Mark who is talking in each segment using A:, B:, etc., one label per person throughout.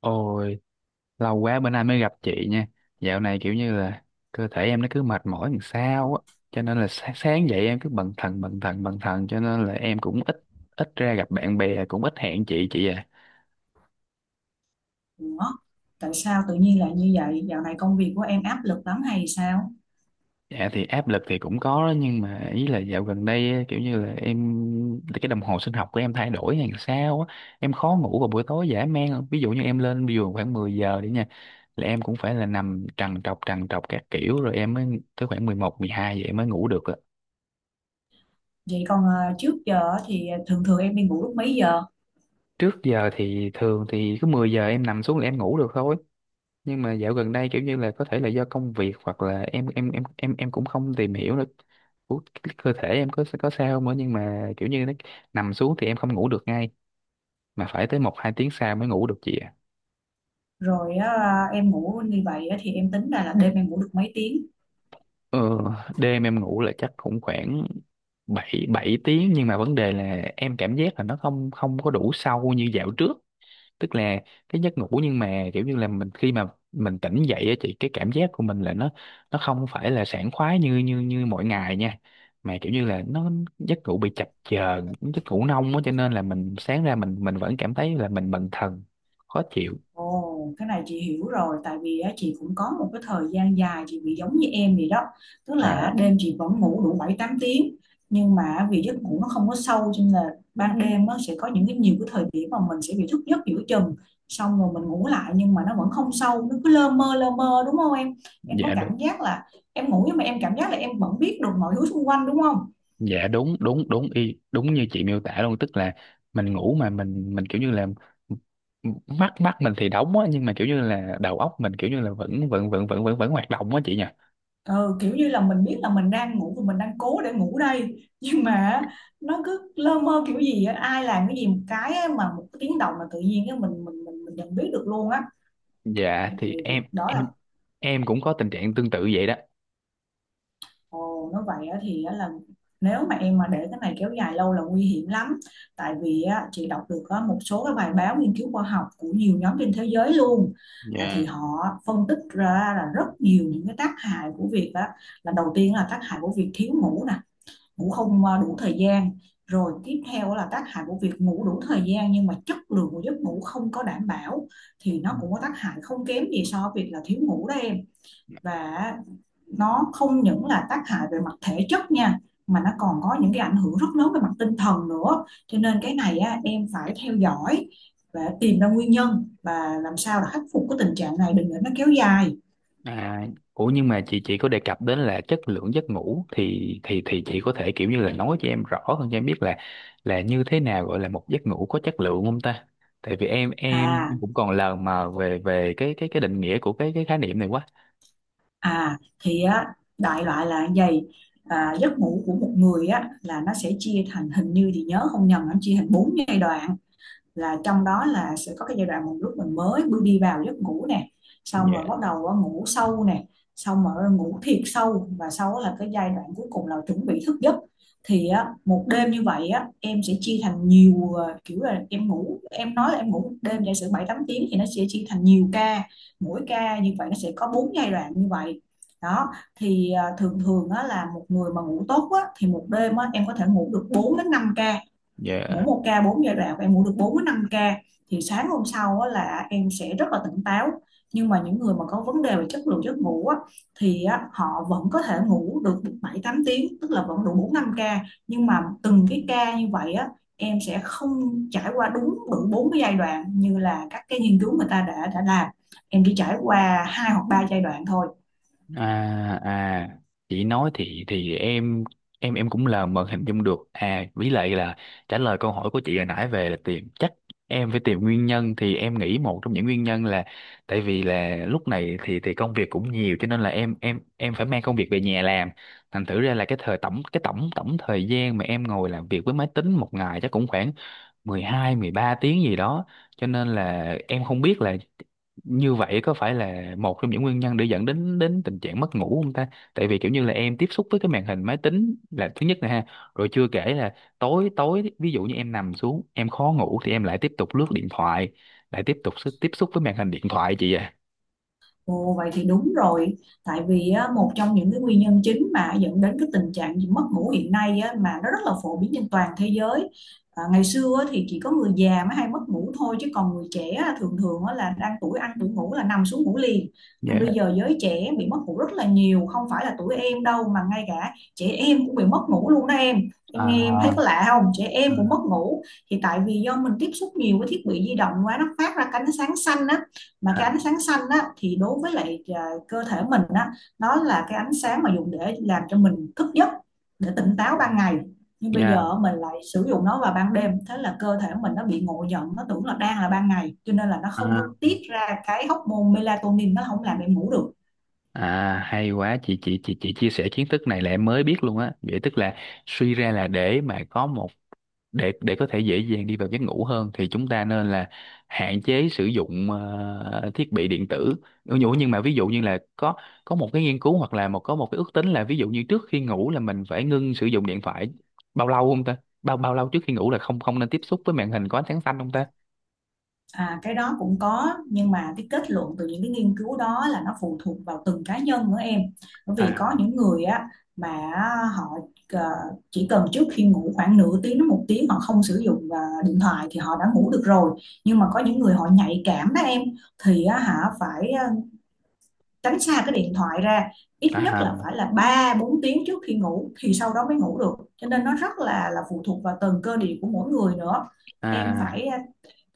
A: Ôi, lâu quá bữa nay mới gặp chị nha. Dạo này kiểu như là cơ thể em nó cứ mệt mỏi làm sao á. Cho nên là sáng dậy em cứ bần thần cho nên là em cũng ít ít ra gặp bạn bè cũng ít hẹn chị à.
B: Ủa, tại sao tự nhiên lại như vậy? Dạo này công việc của em áp lực lắm hay sao?
A: Dạ thì áp lực thì cũng có đó, nhưng mà ý là dạo gần đây á, kiểu như là em cái đồng hồ sinh học của em thay đổi hay làm sao á. Em khó ngủ vào buổi tối dã man. Ví dụ như em lên giường khoảng 10 giờ đi nha, là em cũng phải là nằm trằn trọc các kiểu rồi em mới tới khoảng 11 12 vậy mới ngủ được.
B: Vậy còn trước giờ á thì thường thường em đi ngủ lúc mấy giờ?
A: Trước giờ thì thường thì cứ 10 giờ em nằm xuống là em ngủ được thôi. Nhưng mà dạo gần đây kiểu như là có thể là do công việc, hoặc là em cũng không tìm hiểu được của cái cơ thể em có sao không nữa, nhưng mà kiểu như nó nằm xuống thì em không ngủ được ngay, mà phải tới một hai tiếng sau mới ngủ được chị ạ.
B: Rồi á, em ngủ như vậy á thì em tính ra là đêm em ngủ được mấy tiếng?
A: Ờ, Đêm em ngủ là chắc cũng khoảng bảy bảy tiếng, nhưng mà vấn đề là em cảm giác là nó không không có đủ sâu như dạo trước. Tức là cái giấc ngủ, nhưng mà kiểu như là mình khi mà mình tỉnh dậy á chị, cái cảm giác của mình là nó không phải là sảng khoái như như như mọi ngày nha, mà kiểu như là nó giấc ngủ bị chập chờn, giấc ngủ nông á, cho nên là mình sáng ra mình vẫn cảm thấy là mình bần thần, khó chịu.
B: Ồ, cái này chị hiểu rồi, tại vì á, chị cũng có một cái thời gian dài chị bị giống như em vậy đó, tức là
A: À,
B: đêm chị vẫn ngủ đủ 7 8 tiếng nhưng mà vì giấc ngủ nó không có sâu cho nên là ban đêm nó sẽ có những cái nhiều cái thời điểm mà mình sẽ bị thức giấc giữa chừng, xong rồi mình ngủ lại nhưng mà nó vẫn không sâu, nó cứ lơ mơ lơ mơ, đúng không em? Em có
A: dạ đúng.
B: cảm giác là em ngủ nhưng mà em cảm giác là em vẫn biết được mọi thứ xung quanh đúng không?
A: Dạ đúng, đúng y đúng như chị miêu tả luôn, tức là mình ngủ mà mình kiểu như là mắt mắt mình thì đóng á, nhưng mà kiểu như là đầu óc mình kiểu như là vẫn vẫn vẫn vẫn vẫn vẫn hoạt động á chị nhỉ.
B: Ừ, kiểu như là mình biết là mình đang ngủ và mình đang cố để ngủ đây nhưng mà nó cứ lơ mơ kiểu gì á, ai làm cái gì một cái á, mà một cái tiếng động là tự nhiên á, mình nhận biết được luôn á.
A: dạ
B: Thì
A: thì em
B: đó là
A: em em cũng có tình trạng tương tự vậy đó.
B: ồ nó vậy á, thì á, là nếu mà em mà để cái này kéo dài lâu là nguy hiểm lắm. Tại vì á, chị đọc được á, một số cái bài báo nghiên cứu khoa học của nhiều nhóm trên thế giới luôn. Ờ, thì
A: Dạ.
B: họ phân tích ra là rất nhiều những cái tác hại của việc á, là đầu tiên là tác hại của việc thiếu ngủ nè, ngủ không đủ thời gian, rồi tiếp theo là tác hại của việc ngủ đủ thời gian nhưng mà chất lượng của giấc ngủ không có đảm bảo thì
A: Ừ.
B: nó cũng có tác hại không kém gì so với việc là thiếu ngủ đó em. Và nó không những là tác hại về mặt thể chất nha mà nó còn có những cái ảnh hưởng rất lớn về mặt tinh thần nữa, cho nên cái này á, em phải theo dõi và tìm ra nguyên nhân và làm sao là khắc phục cái tình trạng này đừng để nó kéo dài.
A: À, ủa nhưng mà chị có đề cập đến là chất lượng giấc ngủ, thì thì chị có thể kiểu như là nói cho em rõ hơn, cho em biết là như thế nào gọi là một giấc ngủ có chất lượng không ta? Tại vì em
B: À,
A: cũng còn lờ mờ về về cái cái định nghĩa của cái khái niệm này quá.
B: À thì á, đại loại là như vậy. Giấc ngủ của một người á là nó sẽ chia thành, hình như thì nhớ không nhầm nó chia thành 4 giai đoạn, là trong đó là sẽ có cái giai đoạn một lúc mình mới bước đi vào giấc ngủ nè, xong rồi
A: Dạ.
B: bắt đầu ngủ sâu nè, xong rồi ngủ thiệt sâu, và sau là cái giai đoạn cuối cùng là chuẩn bị thức giấc. Thì á, một đêm như vậy á, em sẽ chia thành nhiều kiểu là em ngủ, em nói là em ngủ một đêm giả sử 7 8 tiếng thì nó sẽ chia thành nhiều ca, mỗi ca như vậy nó sẽ có bốn giai đoạn như vậy đó. Thì thường thường á, là một người mà ngủ tốt á, thì một đêm á, em có thể ngủ được 4 đến 5 ca, mỗi
A: Dạ.
B: một ca 4 giai đoạn và em ngủ được 4 đến 5 ca, thì sáng hôm sau á, là em sẽ rất là tỉnh táo. Nhưng mà những người mà có vấn đề về chất lượng giấc ngủ á, thì á, họ vẫn có thể ngủ được 7 8 tiếng, tức là vẫn đủ 4 5 ca, nhưng mà từng cái ca như vậy á, em sẽ không trải qua đúng đủ bốn cái giai đoạn như là các cái nghiên cứu người ta đã làm, em chỉ trải qua hai hoặc ba giai đoạn thôi.
A: À à, chị nói thì em em cũng là mờ hình dung được, à với lại là trả lời câu hỏi của chị hồi nãy về là tìm, chắc em phải tìm nguyên nhân, thì em nghĩ một trong những nguyên nhân là tại vì là lúc này thì công việc cũng nhiều, cho nên là em phải mang công việc về nhà làm, thành thử ra là cái thời tổng cái tổng tổng thời gian mà em ngồi làm việc với máy tính một ngày chắc cũng khoảng 12 13 tiếng gì đó. Cho nên là em không biết là như vậy có phải là một trong những nguyên nhân để dẫn đến đến tình trạng mất ngủ không ta? Tại vì kiểu như là em tiếp xúc với cái màn hình máy tính là thứ nhất nè ha, rồi chưa kể là tối tối ví dụ như em nằm xuống em khó ngủ thì em lại tiếp tục lướt điện thoại, lại tiếp tục tiếp xúc với màn hình điện thoại chị ạ.
B: Ồ, vậy thì đúng rồi. Tại vì á, một trong những cái nguyên nhân chính mà dẫn đến cái tình trạng gì mất ngủ hiện nay á, mà nó rất là phổ biến trên toàn thế giới. À, ngày xưa á, thì chỉ có người già mới hay mất ngủ thôi chứ còn người trẻ á, thường thường á, là đang tuổi ăn tuổi ngủ là nằm xuống ngủ liền. Nhưng bây
A: Yeah.
B: giờ giới trẻ bị mất ngủ rất là nhiều, không phải là tuổi em đâu mà ngay cả trẻ em cũng bị mất ngủ luôn đó em. Em nghe em thấy
A: À,
B: có lạ không, trẻ em cũng mất
A: à,
B: ngủ. Thì tại vì do mình tiếp xúc nhiều với thiết bị di động quá, nó phát ra cái ánh sáng xanh á, mà
A: à,
B: cái ánh sáng xanh á, thì đối với lại cơ thể mình á, nó là cái ánh sáng mà dùng để làm cho mình thức giấc, để tỉnh táo ban ngày, nhưng bây
A: yeah.
B: giờ mình lại sử dụng nó vào ban đêm, thế là cơ thể mình nó bị ngộ nhận, nó tưởng là đang là ban ngày cho nên là nó không có
A: à,
B: tiết ra cái hormone melatonin, nó không làm em ngủ được.
A: Hay quá chị, chị chia sẻ kiến thức này là em mới biết luôn á. Vậy tức là suy ra là để có thể dễ dàng đi vào giấc ngủ hơn thì chúng ta nên là hạn chế sử dụng thiết bị điện tử. Ừ, nhưng mà ví dụ như là có một cái nghiên cứu, hoặc là có một cái ước tính là, ví dụ như trước khi ngủ là mình phải ngưng sử dụng điện thoại bao lâu không ta? Bao bao lâu trước khi ngủ là không không nên tiếp xúc với màn hình có ánh sáng xanh không ta?
B: À, cái đó cũng có nhưng mà cái kết luận từ những cái nghiên cứu đó là nó phụ thuộc vào từng cá nhân nữa em. Bởi
A: À.
B: vì có những người á mà họ ờ, chỉ cần trước khi ngủ khoảng nửa tiếng đến 1 tiếng họ không sử dụng điện thoại thì họ đã ngủ được rồi. Nhưng mà có những người họ nhạy cảm đó em, thì á, hả phải tránh xa cái điện thoại ra ít nhất
A: À.
B: là phải là 3 4 tiếng trước khi ngủ thì sau đó mới ngủ được, cho nên nó rất là phụ thuộc vào từng cơ địa của mỗi người nữa. Em
A: À.
B: phải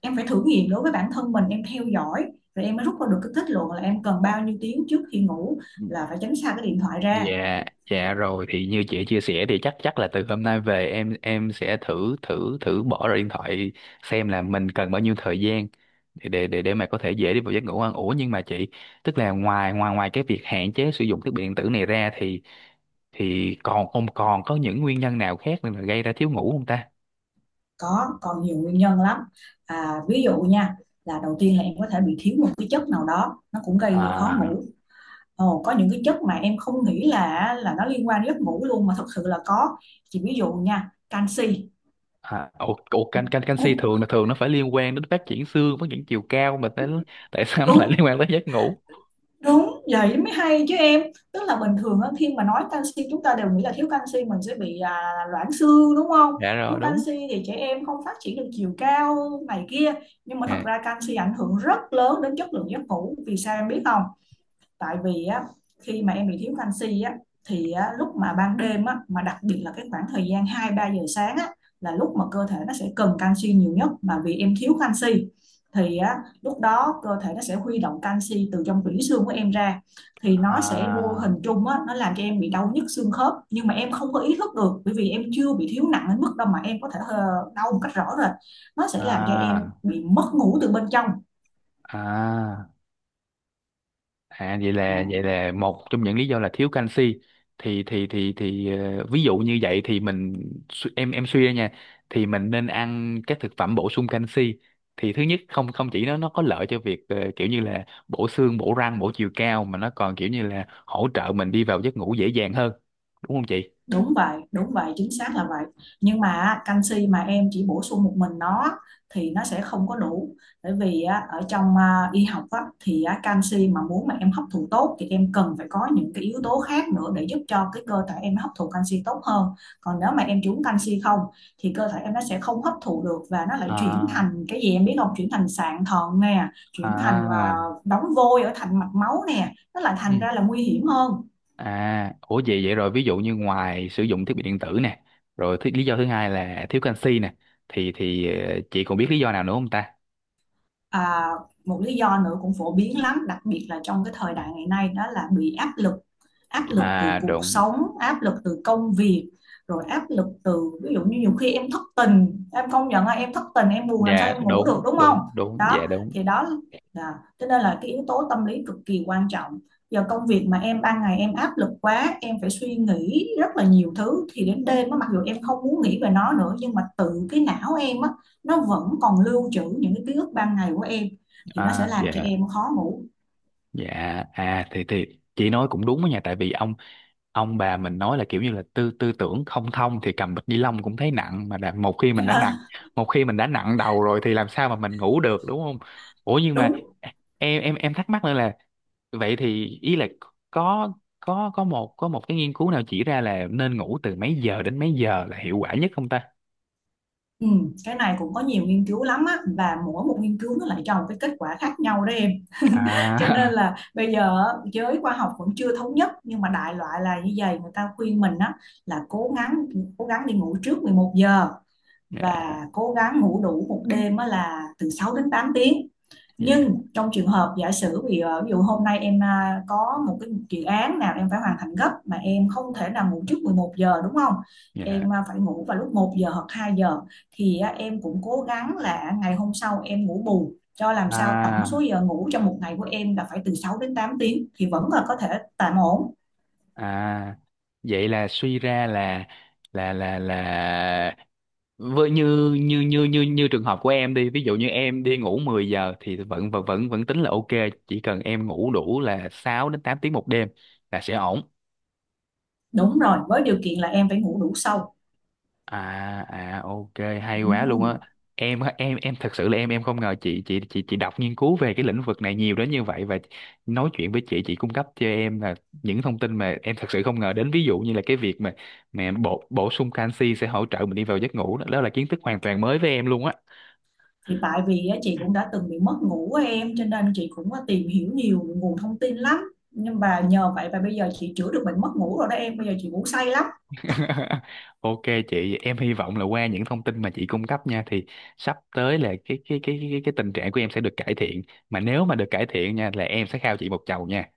B: em phải thử nghiệm đối với bản thân mình, em theo dõi rồi em mới rút ra được cái kết luận là em cần bao nhiêu tiếng trước khi ngủ là phải tránh xa cái điện thoại ra.
A: Dạ, dạ rồi thì như chị chia sẻ thì chắc chắc là từ hôm nay về em sẽ thử thử thử bỏ ra điện thoại, xem là mình cần bao nhiêu thời gian để mà có thể dễ đi vào giấc ngủ hơn. Ủa nhưng mà chị, tức là ngoài ngoài ngoài cái việc hạn chế sử dụng thiết bị điện tử này ra thì còn còn có những nguyên nhân nào khác nữa là gây ra thiếu ngủ không ta?
B: Có, còn nhiều nguyên nhân lắm. À, ví dụ nha, là đầu tiên là em có thể bị thiếu một cái chất nào đó nó cũng gây khó
A: À
B: ngủ. Ồ, có những cái chất mà em không nghĩ là nó liên quan đến giấc ngủ luôn mà thật sự là có, chỉ ví dụ nha, canxi.
A: à. Ủa,
B: Ồ,
A: canxi thường là thường nó phải liên quan đến phát triển xương, phát triển chiều cao mà, tại tại sao nó lại
B: đúng.
A: liên quan tới giấc ngủ?
B: Đúng, vậy mới hay chứ em. Tức là bình thường á, khi mà nói canxi chúng ta đều nghĩ là thiếu canxi mình sẽ bị loãng xương đúng không?
A: Dạ, rồi
B: Thiếu
A: đúng.
B: canxi thì trẻ em không phát triển được chiều cao này kia. Nhưng mà thật
A: Dạ.
B: ra canxi ảnh hưởng rất lớn đến chất lượng giấc ngủ. Vì sao em biết không? Tại vì á, khi mà em bị thiếu canxi á thì á, lúc mà ban đêm á, mà đặc biệt là cái khoảng thời gian 2 3 giờ sáng á, là lúc mà cơ thể nó sẽ cần canxi nhiều nhất, mà vì em thiếu canxi thì á, lúc đó cơ thể nó sẽ huy động canxi từ trong tủy xương của em ra, thì nó sẽ vô hình
A: À
B: chung á, nó làm cho em bị đau nhức xương khớp nhưng mà em không có ý thức được, bởi vì em chưa bị thiếu nặng đến mức đâu mà em có thể đau một cách rõ rệt, nó sẽ làm cho em
A: à
B: bị mất ngủ từ bên trong.
A: à. À vậy là, vậy là một trong những lý do là thiếu canxi, thì thì ờ, ví dụ như vậy thì mình, em suy ra nha, thì mình nên ăn các thực phẩm bổ sung canxi, thì thứ nhất không không chỉ nó có lợi cho việc ờ, kiểu như là bổ xương, bổ răng, bổ chiều cao, mà nó còn kiểu như là hỗ trợ mình đi vào giấc ngủ dễ dàng hơn, đúng không chị?
B: Đúng vậy, chính xác là vậy. Nhưng mà á, canxi mà em chỉ bổ sung một mình nó thì nó sẽ không có đủ. Bởi vì á, ở trong y học á, thì á, canxi mà muốn mà em hấp thụ tốt thì em cần phải có những cái yếu tố khác nữa để giúp cho cái cơ thể em hấp thụ canxi tốt hơn. Còn nếu mà em chỉ uống canxi không thì cơ thể em nó sẽ không hấp thụ được và nó lại chuyển
A: À.
B: thành cái gì em biết không? Chuyển thành sạn thận nè, chuyển thành
A: À.
B: đóng vôi ở thành mạch máu nè. Nó lại thành ra là nguy hiểm hơn.
A: À, ủa vậy, vậy rồi ví dụ như ngoài sử dụng thiết bị điện tử nè, rồi thứ, lý do thứ hai là thiếu canxi nè, thì ờ, chị còn biết lý do nào nữa không ta?
B: À, một lý do nữa cũng phổ biến lắm, đặc biệt là trong cái thời đại ngày nay, đó là bị áp lực từ
A: À
B: cuộc
A: đúng,
B: sống, áp lực từ công việc, rồi áp lực từ ví dụ như nhiều khi em thất tình, em công nhận là em thất tình, em buồn làm sao
A: dạ
B: em ngủ được
A: đúng,
B: đúng không?
A: đúng, đúng,
B: Đó,
A: dạ đúng.
B: thì đó là cho nên là cái yếu tố tâm lý cực kỳ quan trọng. Giờ công việc mà em ban ngày em áp lực quá, em phải suy nghĩ rất là nhiều thứ thì đến đêm á, mặc dù em không muốn nghĩ về nó nữa nhưng mà tự cái não em á, nó vẫn còn lưu trữ những cái ký ức ban ngày của em thì nó sẽ
A: À
B: làm cho
A: dạ,
B: em khó ngủ.
A: dạ. À thì chị nói cũng đúng đó nha, tại vì ông bà mình nói là kiểu như là tư tư tưởng không thông thì cầm bịch ni lông cũng thấy nặng mà, đã, một khi mình đã nặng, đầu rồi thì làm sao mà mình ngủ được, đúng không? Ủa nhưng mà
B: Đúng.
A: em thắc mắc nữa là, vậy thì ý là có có một cái nghiên cứu nào chỉ ra là nên ngủ từ mấy giờ đến mấy giờ là hiệu quả nhất không ta?
B: Ừ, cái này cũng có nhiều nghiên cứu lắm á, và mỗi một nghiên cứu nó lại cho một cái kết quả khác nhau đó em. Cho nên
A: À.
B: là bây giờ á, giới khoa học vẫn chưa thống nhất, nhưng mà đại loại là như vậy, người ta khuyên mình á là cố gắng, cố gắng đi ngủ trước 11 giờ
A: yeah.
B: và cố gắng ngủ đủ một đêm là từ 6 đến 8 tiếng.
A: Yeah.
B: Nhưng trong trường hợp giả sử ví dụ, hôm nay em có một cái dự án nào em phải hoàn thành gấp mà em không thể nào ngủ trước 11 giờ đúng không?
A: Yeah.
B: Em phải ngủ vào lúc 1 giờ hoặc 2 giờ thì em cũng cố gắng là ngày hôm sau em ngủ bù cho làm sao tổng số
A: À
B: giờ ngủ trong một ngày của em là phải từ 6 đến 8 tiếng thì vẫn là có thể tạm ổn.
A: à, vậy là suy ra là, là là là với như như như như như trường hợp của em đi, ví dụ như em đi ngủ 10 giờ thì vẫn vẫn tính là ok, chỉ cần em ngủ đủ là 6 đến 8 tiếng một đêm là sẽ ổn.
B: Đúng rồi, với điều kiện là em phải ngủ đủ sâu.
A: À. À ok, hay quá luôn
B: Ừ.
A: á. Em á, em thật sự là em không ngờ chị, chị đọc nghiên cứu về cái lĩnh vực này nhiều đến như vậy. Và nói chuyện với chị cung cấp cho em là những thông tin mà em thật sự không ngờ đến, ví dụ như là cái việc mà bổ bổ sung canxi sẽ hỗ trợ mình đi vào giấc ngủ đó, đó là kiến thức hoàn toàn mới với em luôn á.
B: Thì tại vì á, chị cũng đã từng bị mất ngủ á em, cho nên chị cũng có tìm hiểu nhiều nguồn thông tin lắm, nhưng mà nhờ vậy mà bây giờ chị chữa được bệnh mất ngủ rồi đó em, bây giờ chị ngủ say lắm.
A: Ok chị, em hy vọng là qua những thông tin mà chị cung cấp nha thì sắp tới là cái tình trạng của em sẽ được cải thiện, mà nếu mà được cải thiện nha là em sẽ khao chị một chầu nha.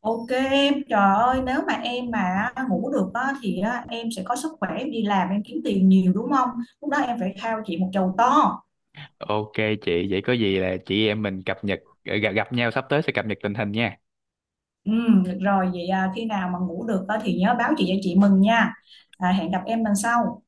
B: OK em, trời ơi, nếu mà em mà ngủ được á, thì á, em sẽ có sức khỏe, em đi làm em kiếm tiền nhiều đúng không, lúc đó em phải khao chị một chầu to.
A: Ok chị, vậy có gì là chị em mình cập nhật ờ, gặp gặp nhau sắp tới sẽ cập nhật tình hình nha.
B: Ừ, được rồi, vậy à, khi nào mà ngủ được á, thì nhớ báo chị cho chị mừng nha. À, hẹn gặp em lần sau.